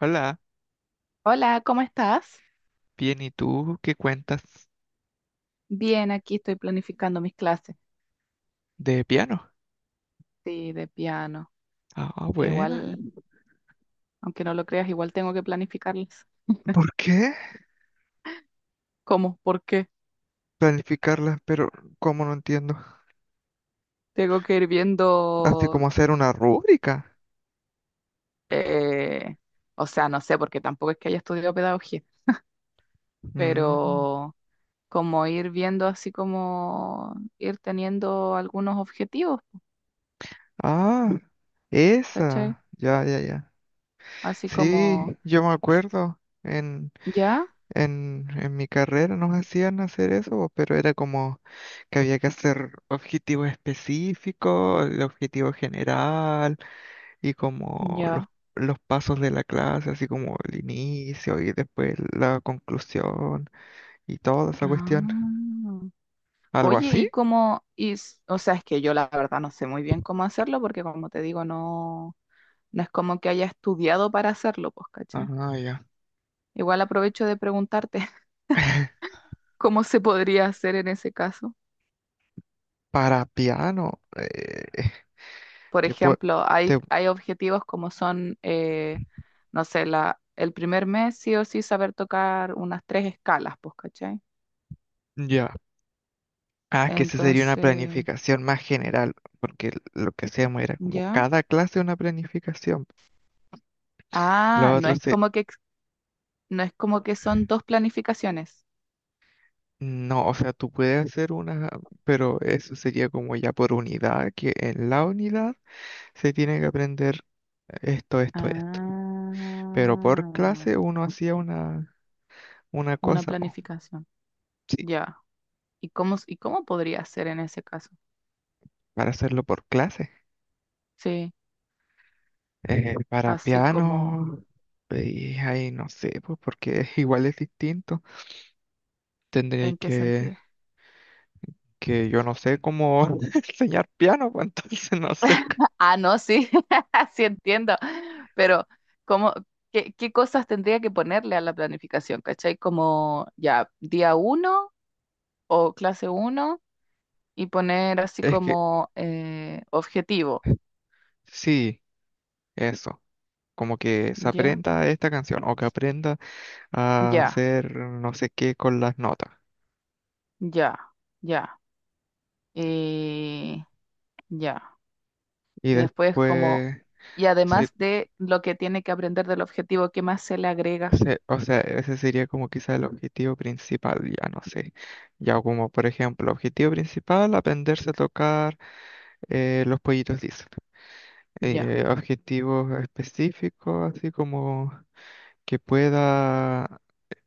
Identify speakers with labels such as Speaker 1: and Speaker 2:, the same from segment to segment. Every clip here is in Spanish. Speaker 1: Hola,
Speaker 2: Hola, ¿cómo estás?
Speaker 1: bien, ¿y tú qué cuentas
Speaker 2: Bien, aquí estoy planificando mis clases,
Speaker 1: de piano?
Speaker 2: sí, de piano,
Speaker 1: Ah,
Speaker 2: que
Speaker 1: buena.
Speaker 2: igual, aunque no lo creas, igual tengo que planificarlas.
Speaker 1: ¿Por qué?
Speaker 2: ¿Cómo? ¿Por qué?
Speaker 1: Planificarla, pero ¿cómo no entiendo?
Speaker 2: Tengo que ir
Speaker 1: Así
Speaker 2: viendo,
Speaker 1: como hacer una rúbrica.
Speaker 2: eh, o sea, no sé, porque tampoco es que haya estudiado pedagogía,
Speaker 1: Mm.
Speaker 2: pero como ir viendo así como ir teniendo algunos objetivos,
Speaker 1: Ah,
Speaker 2: ¿cachai?
Speaker 1: esa. Ya, ya, ya.
Speaker 2: Así como,
Speaker 1: Sí, yo me acuerdo. En,
Speaker 2: ya,
Speaker 1: en, en mi carrera nos hacían hacer eso, pero era como que había que hacer objetivos específicos, el objetivo general, y como
Speaker 2: ya.
Speaker 1: los pasos de la clase, así como el inicio y después la conclusión y toda esa
Speaker 2: Ah.
Speaker 1: cuestión. ¿Algo
Speaker 2: Oye,
Speaker 1: así?
Speaker 2: y cómo, o sea, es que yo la verdad no sé muy bien cómo hacerlo porque como te digo, no, no es como que haya estudiado para hacerlo, pues, ¿cachai?
Speaker 1: Ah, ya.
Speaker 2: Igual aprovecho de preguntarte cómo se podría hacer en ese caso.
Speaker 1: Para piano,
Speaker 2: Por
Speaker 1: te pue-
Speaker 2: ejemplo,
Speaker 1: te-
Speaker 2: hay objetivos como son, no sé, el primer mes sí o sí saber tocar unas 3 escalas, pues, ¿cachai?
Speaker 1: ya. Ah, que esa sería una
Speaker 2: Entonces,
Speaker 1: planificación más general, porque lo que hacíamos era como
Speaker 2: ¿ya?
Speaker 1: cada clase una planificación. Lo
Speaker 2: Ah, no
Speaker 1: otro
Speaker 2: es
Speaker 1: se...
Speaker 2: como que, no es como que son dos planificaciones.
Speaker 1: No, o sea, tú puedes hacer una, pero eso sería como ya por unidad, que en la unidad se tiene que aprender esto, esto, esto. Pero por
Speaker 2: Ah,
Speaker 1: clase uno hacía una
Speaker 2: una
Speaker 1: cosa, po.
Speaker 2: planificación.
Speaker 1: Sí,
Speaker 2: Ya. Y cómo podría ser en ese caso?
Speaker 1: para hacerlo por clase.
Speaker 2: Sí,
Speaker 1: Para
Speaker 2: así como,
Speaker 1: piano, y ahí no sé, pues porque igual es distinto. Tendréis
Speaker 2: ¿en qué
Speaker 1: que,
Speaker 2: sentido?
Speaker 1: que yo no sé cómo enseñar piano, pues entonces no sé.
Speaker 2: Ah, no, sí, sí entiendo. Pero, ¿cómo, qué cosas tendría que ponerle a la planificación? ¿Cachai? Como ya, día uno o clase uno y poner así
Speaker 1: Es que
Speaker 2: como objetivo.
Speaker 1: sí, eso. Como que se
Speaker 2: Ya,
Speaker 1: aprenda esta canción o que aprenda a
Speaker 2: ya,
Speaker 1: hacer no sé qué con las notas.
Speaker 2: ya, ya. eh, ya.
Speaker 1: Y
Speaker 2: Y después como,
Speaker 1: después,
Speaker 2: y
Speaker 1: sí,
Speaker 2: además de lo que tiene que aprender del objetivo, ¿qué más se le agrega?
Speaker 1: O sea, ese sería como quizá el objetivo principal, ya no sé. Ya como, por ejemplo, objetivo principal, aprenderse a tocar los pollitos Disney.
Speaker 2: Ya.
Speaker 1: Objetivos específicos, así como que pueda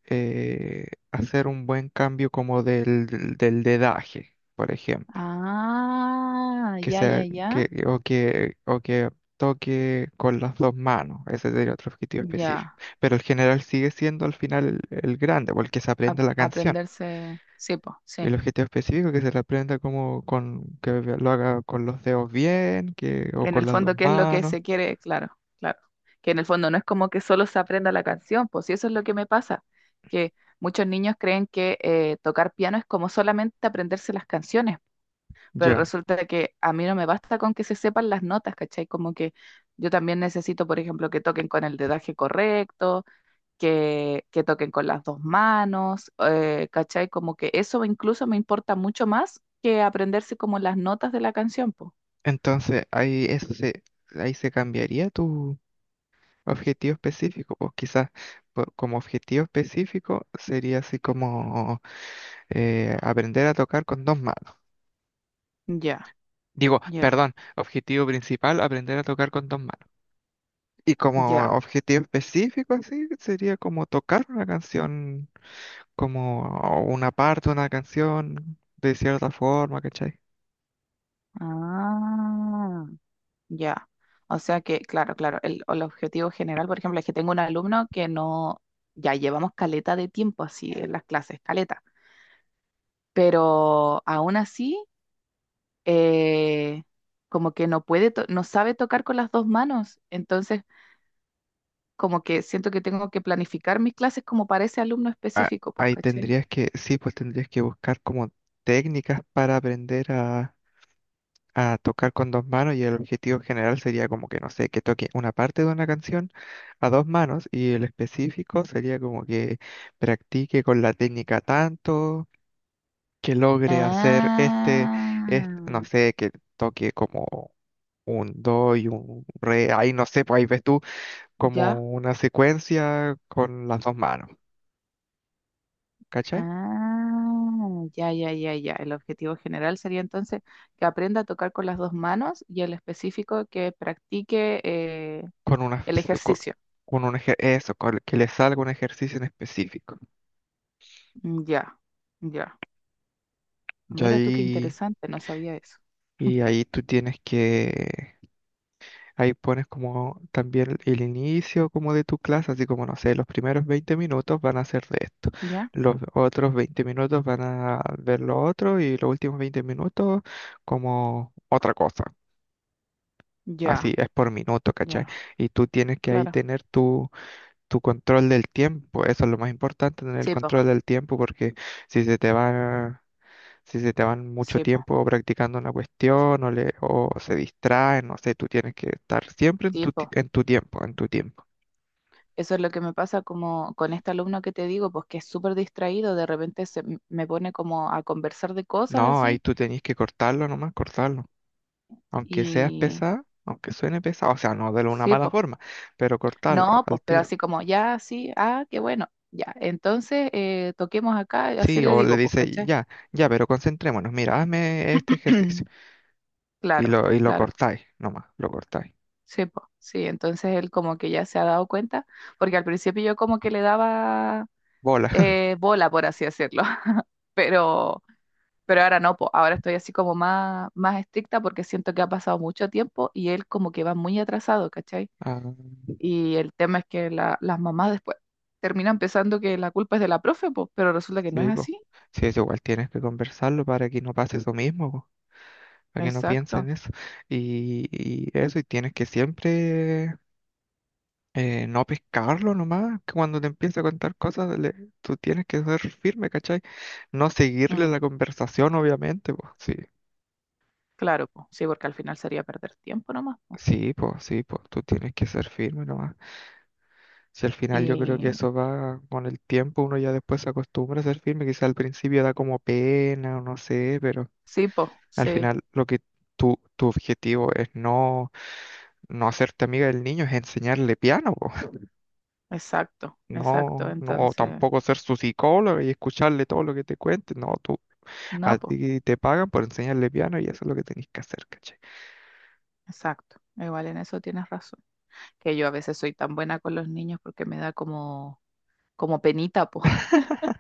Speaker 1: hacer un buen cambio como del dedaje, por ejemplo.
Speaker 2: Ah,
Speaker 1: Que
Speaker 2: ya,
Speaker 1: sea,
Speaker 2: ya,
Speaker 1: que,
Speaker 2: ya.
Speaker 1: o que, o que toque con las dos manos. Ese sería otro objetivo específico.
Speaker 2: Ya.
Speaker 1: Pero el general sigue siendo al final el grande, porque se
Speaker 2: A-
Speaker 1: aprende la canción.
Speaker 2: aprenderse. Sí, pues,
Speaker 1: El
Speaker 2: sí.
Speaker 1: objetivo específico que se le aprenda como con que lo haga con los dedos bien, que o
Speaker 2: En
Speaker 1: con
Speaker 2: el
Speaker 1: las dos
Speaker 2: fondo, ¿qué es lo que
Speaker 1: manos.
Speaker 2: se quiere? Claro, claro. Que en el fondo no es como que solo se aprenda la canción, pues si eso es lo que me pasa, que muchos niños creen que tocar piano es como solamente aprenderse las canciones. Pero
Speaker 1: Ya.
Speaker 2: resulta que a mí no me basta con que se sepan las notas, ¿cachai? Como que yo también necesito, por ejemplo, que toquen con el dedaje correcto, que toquen con las dos manos, ¿cachai? Como que eso incluso me importa mucho más que aprenderse como las notas de la canción, po.
Speaker 1: Entonces ahí se cambiaría tu objetivo específico. O quizás como objetivo específico sería así como aprender a tocar con dos manos.
Speaker 2: Ya,
Speaker 1: Digo,
Speaker 2: ya,
Speaker 1: perdón, objetivo principal, aprender a tocar con dos manos. Y como
Speaker 2: ya.
Speaker 1: objetivo específico así sería como tocar una canción como una parte, de una canción, de cierta forma, ¿cachai?
Speaker 2: Ah, ya. O sea que, claro, claro, el objetivo general, por ejemplo, es que tengo un alumno que no, ya llevamos caleta de tiempo así en las clases, caleta, pero aún así, eh, como que no puede, no sabe tocar con las dos manos, entonces como que siento que tengo que planificar mis clases como para ese alumno específico, pues,
Speaker 1: Ahí
Speaker 2: ¿cachai?
Speaker 1: tendrías que, sí, pues tendrías que buscar como técnicas para aprender a tocar con dos manos, y el objetivo general sería como que, no sé, que toque una parte de una canción a dos manos, y el específico sería como que practique con la técnica tanto, que logre hacer este, no
Speaker 2: Ah,
Speaker 1: sé, que toque como un do y un re, ahí no sé, pues ahí ves tú
Speaker 2: ya.
Speaker 1: como una secuencia con las dos manos, ¿cachai?
Speaker 2: Ah, ya, ya, ya, ya. El objetivo general sería entonces que aprenda a tocar con las dos manos y el específico que practique
Speaker 1: Con una,
Speaker 2: el
Speaker 1: con,
Speaker 2: ejercicio.
Speaker 1: con un eso, que le salga un ejercicio en específico.
Speaker 2: Mm, ya, ya.
Speaker 1: Y
Speaker 2: Mira tú qué
Speaker 1: ahí,
Speaker 2: interesante, no sabía eso.
Speaker 1: y ahí tú tienes que, ahí pones como también el inicio como de tu clase, así como, no sé, los primeros 20 minutos van a ser de esto,
Speaker 2: ¿Ya?
Speaker 1: los otros 20 minutos van a ver lo otro y los últimos 20 minutos como otra cosa.
Speaker 2: Ya,
Speaker 1: Así es por minuto, ¿cachai?
Speaker 2: ya,
Speaker 1: Y tú tienes que ahí
Speaker 2: claro.
Speaker 1: tener tu control del tiempo. Eso es lo más importante, tener el
Speaker 2: Sí, po,
Speaker 1: control del tiempo, porque si se te va, si se te van mucho
Speaker 2: sí, po,
Speaker 1: tiempo practicando una cuestión o, le, o se distraen, no sé, tú tienes que estar siempre en
Speaker 2: sí, po.
Speaker 1: en tu tiempo, en tu tiempo.
Speaker 2: Eso es lo que me pasa como con este alumno que te digo, pues que es súper distraído, de repente me pone como a conversar de cosas
Speaker 1: No, ahí
Speaker 2: así,
Speaker 1: tú tenés que cortarlo, nomás cortarlo. Aunque seas
Speaker 2: y
Speaker 1: pesada, aunque suene pesado, o sea, no de una
Speaker 2: sí,
Speaker 1: mala
Speaker 2: po.
Speaker 1: forma, pero cortarlo
Speaker 2: No,
Speaker 1: al
Speaker 2: pues, pero
Speaker 1: tiro.
Speaker 2: así como, ya, sí, ah, qué bueno, ya. Entonces, toquemos acá, y así
Speaker 1: Sí,
Speaker 2: le
Speaker 1: o le
Speaker 2: digo, pues,
Speaker 1: dice,
Speaker 2: ¿cachai?
Speaker 1: ya, ya, pero concentrémonos, mira, hazme este ejercicio.
Speaker 2: Claro,
Speaker 1: Y lo
Speaker 2: claro,
Speaker 1: cortáis, nomás, lo cortáis.
Speaker 2: sí, po, sí. Entonces él como que ya se ha dado cuenta, porque al principio yo como que le daba
Speaker 1: Bola.
Speaker 2: bola, por así decirlo. pero Pero ahora no, po, ahora estoy así como más, más estricta porque siento que ha pasado mucho tiempo y él como que va muy atrasado, ¿cachai?
Speaker 1: Ah.
Speaker 2: Y el tema es que las mamás después terminan pensando que la culpa es de la profe, pues, pero resulta que no es
Speaker 1: Sí, pues.
Speaker 2: así.
Speaker 1: Sí, eso igual tienes que conversarlo para que no pase eso mismo, po, para que no piensen
Speaker 2: Exacto.
Speaker 1: eso. Y eso, y tienes que siempre no pescarlo nomás, que cuando te empiece a contar cosas, tú tienes que ser firme, ¿cachai? No seguirle
Speaker 2: Mm,
Speaker 1: la conversación, obviamente, pues. Sí,
Speaker 2: claro, pues, sí, porque al final sería perder tiempo nomás, po.
Speaker 1: sí, pues, tú tienes que ser firme nomás. Si al final yo creo que
Speaker 2: Y
Speaker 1: eso va con el tiempo, uno ya después se acostumbra a ser firme, quizá al principio da como pena o no sé, pero...
Speaker 2: sí, pues,
Speaker 1: Al
Speaker 2: sí,
Speaker 1: final, lo que tu objetivo es no, no hacerte amiga del niño, es enseñarle piano, po.
Speaker 2: exacto, exacto.
Speaker 1: No, no
Speaker 2: Entonces,
Speaker 1: tampoco ser su psicólogo y escucharle todo lo que te cuente. No, tú, a
Speaker 2: no, pues,
Speaker 1: ti te pagan por enseñarle piano y eso es lo que tenés que hacer, ¿cachai?
Speaker 2: exacto. Igual en eso tienes razón. Que yo a veces soy tan buena con los niños porque me da como, como penita, pues.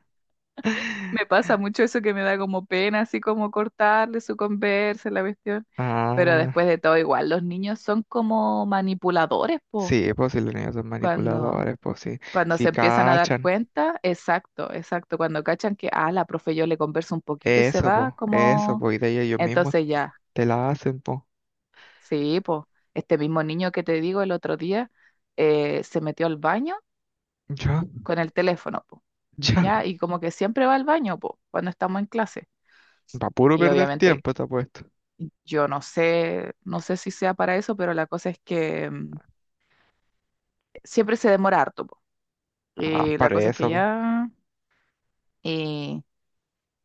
Speaker 2: Me pasa mucho eso que me da como pena, así como cortarle su conversa, la cuestión. Pero
Speaker 1: Ah,
Speaker 2: después de todo, igual, los niños son como manipuladores, po.
Speaker 1: sí, pues si los niños son
Speaker 2: Cuando,
Speaker 1: manipuladores, pues sí,
Speaker 2: cuando
Speaker 1: si
Speaker 2: se empiezan a dar
Speaker 1: cachan,
Speaker 2: cuenta, exacto, exacto. Cuando cachan que, ah, la profe yo le converso un poquito y se va,
Speaker 1: eso,
Speaker 2: como.
Speaker 1: pues, y de ahí ellos mismos
Speaker 2: Entonces ya,
Speaker 1: te la hacen, pues,
Speaker 2: sí, po. Este mismo niño que te digo el otro día se metió al baño
Speaker 1: ya,
Speaker 2: con el teléfono, po.
Speaker 1: ya,
Speaker 2: Ya, y como que siempre va al baño, po, cuando estamos en clase.
Speaker 1: va puro
Speaker 2: Y
Speaker 1: perder
Speaker 2: obviamente
Speaker 1: tiempo, te apuesto,
Speaker 2: yo no sé, no sé si sea para eso, pero la cosa es que siempre se demora harto, po.
Speaker 1: ah,
Speaker 2: Y la
Speaker 1: para
Speaker 2: cosa es que
Speaker 1: eso.
Speaker 2: ya, y,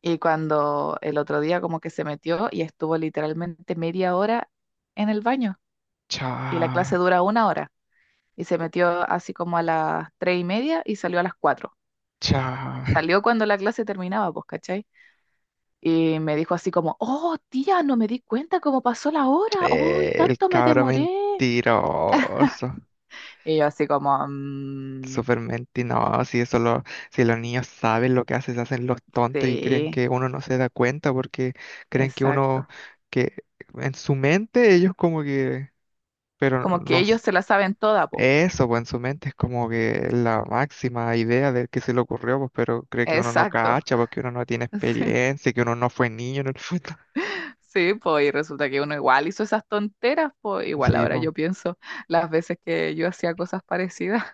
Speaker 2: y cuando el otro día como que se metió y estuvo literalmente media hora en el baño, y la clase
Speaker 1: Cha,
Speaker 2: dura 1 hora, y se metió así como a las 3:30 y salió a las 4.
Speaker 1: cha.
Speaker 2: Salió cuando la clase terminaba, pues, ¿cachai? Y me dijo así como, oh, tía, no me di cuenta cómo pasó la hora, hoy
Speaker 1: El
Speaker 2: tanto me
Speaker 1: cabro
Speaker 2: demoré.
Speaker 1: mentiroso.
Speaker 2: Y yo así como... "Mm".
Speaker 1: Súper mentiroso. Si eso lo, si los niños saben lo que hacen, se hacen los tontos y creen
Speaker 2: Sí,
Speaker 1: que uno no se da cuenta porque creen que uno,
Speaker 2: exacto.
Speaker 1: que en su mente ellos como que, pero
Speaker 2: Como que
Speaker 1: no,
Speaker 2: ellos se la saben toda, po.
Speaker 1: eso, pues en su mente es como que la máxima idea del que se le ocurrió, pues, pero cree que uno no
Speaker 2: Exacto.
Speaker 1: cacha, porque uno no tiene experiencia, que uno no fue niño en el fútbol.
Speaker 2: Sí, sí, po, y resulta que uno igual hizo esas tonteras, po. Igual
Speaker 1: Sí,
Speaker 2: ahora
Speaker 1: pues.
Speaker 2: yo pienso las veces que yo hacía cosas parecidas.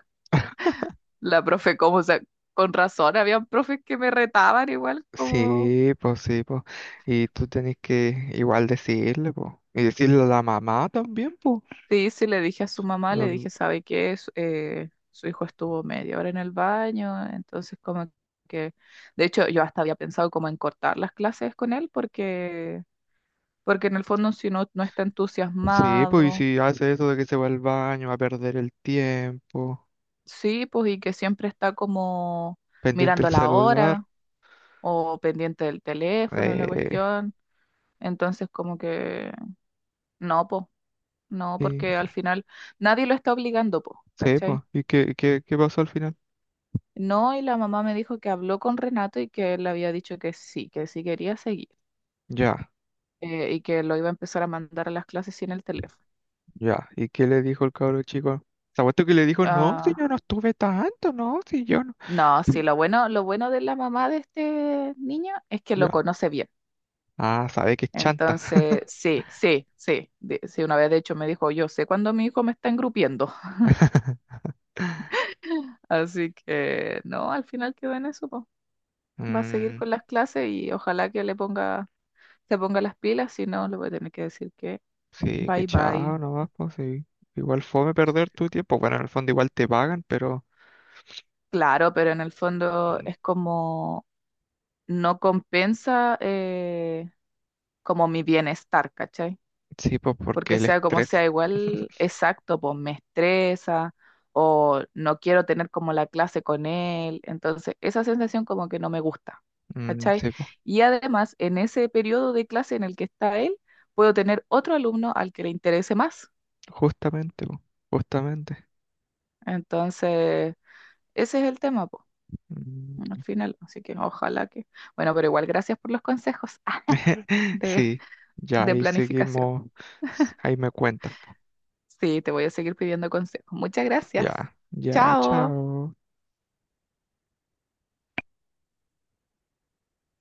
Speaker 2: La profe, como, o sea, con razón, habían profes que me retaban igual, como.
Speaker 1: Sí, pues sí, pues. Y tú tenés que igual decirle, pues. Y decirle a la mamá también, pues.
Speaker 2: Sí, sí, le dije a su mamá, le
Speaker 1: Eh,
Speaker 2: dije, ¿sabe qué? Su, su hijo estuvo media hora en el baño, entonces como que. De hecho, yo hasta había pensado como en cortar las clases con él porque porque en el fondo si uno no está
Speaker 1: Sí, pues, y
Speaker 2: entusiasmado,
Speaker 1: si hace eso de que se va al baño, va a perder el tiempo,
Speaker 2: sí, pues, y que siempre está como
Speaker 1: pendiente el
Speaker 2: mirando la
Speaker 1: celular.
Speaker 2: hora o pendiente del teléfono, la
Speaker 1: Eh,
Speaker 2: cuestión, entonces como que no, pues, no,
Speaker 1: sí,
Speaker 2: porque al final nadie lo está obligando, pues,
Speaker 1: sí, pues.
Speaker 2: ¿cachai?
Speaker 1: ¿Y qué, qué, qué pasó al final?
Speaker 2: No, y la mamá me dijo que habló con Renato y que él le había dicho que sí quería seguir,
Speaker 1: Ya,
Speaker 2: y que lo iba a empezar a mandar a las clases sin el teléfono.
Speaker 1: ya. ¿Y qué le dijo el cabro chico? ¿Sabes tú que le dijo? No, si yo
Speaker 2: Ah,
Speaker 1: no estuve tanto, no, si yo no.
Speaker 2: no, sí, lo bueno de la mamá de este niño es que lo
Speaker 1: Ya.
Speaker 2: conoce bien.
Speaker 1: Ah, sabe que es chanta.
Speaker 2: Entonces, sí, sí, sí, sí, una vez de hecho me dijo, yo sé cuando mi hijo me está engrupiendo, así que no, al final quedó en eso, po. Va a seguir
Speaker 1: Mm.
Speaker 2: con las clases y ojalá que le ponga, se ponga las pilas, si no, le voy a tener que decir que
Speaker 1: Sí, que
Speaker 2: bye bye.
Speaker 1: chao, no vas, pues sí. Igual fome perder tu tiempo. Bueno, en el fondo igual te pagan, pero
Speaker 2: Claro, pero en el fondo
Speaker 1: mm,
Speaker 2: es como no compensa como mi bienestar, ¿cachai?
Speaker 1: sí, pues porque
Speaker 2: Porque
Speaker 1: el
Speaker 2: sea como
Speaker 1: estrés.
Speaker 2: sea, igual exacto, pues me estresa o no quiero tener como la clase con él, entonces esa sensación como que no me gusta,
Speaker 1: Mm,
Speaker 2: ¿cachai?
Speaker 1: sí, pues.
Speaker 2: Y además, en ese periodo de clase en el que está él, puedo tener otro alumno al que le interese más,
Speaker 1: Justamente, pues. Justamente.
Speaker 2: entonces ese es el tema, pues, al
Speaker 1: Mm.
Speaker 2: final, así que ojalá que... Bueno, pero igual gracias por los consejos de,
Speaker 1: Sí, ya
Speaker 2: de
Speaker 1: ahí
Speaker 2: planificación.
Speaker 1: seguimos. Ahí me cuentas, pues.
Speaker 2: Sí, te voy a seguir pidiendo consejos. Muchas gracias.
Speaker 1: Ya, ya,
Speaker 2: Chao.
Speaker 1: chao.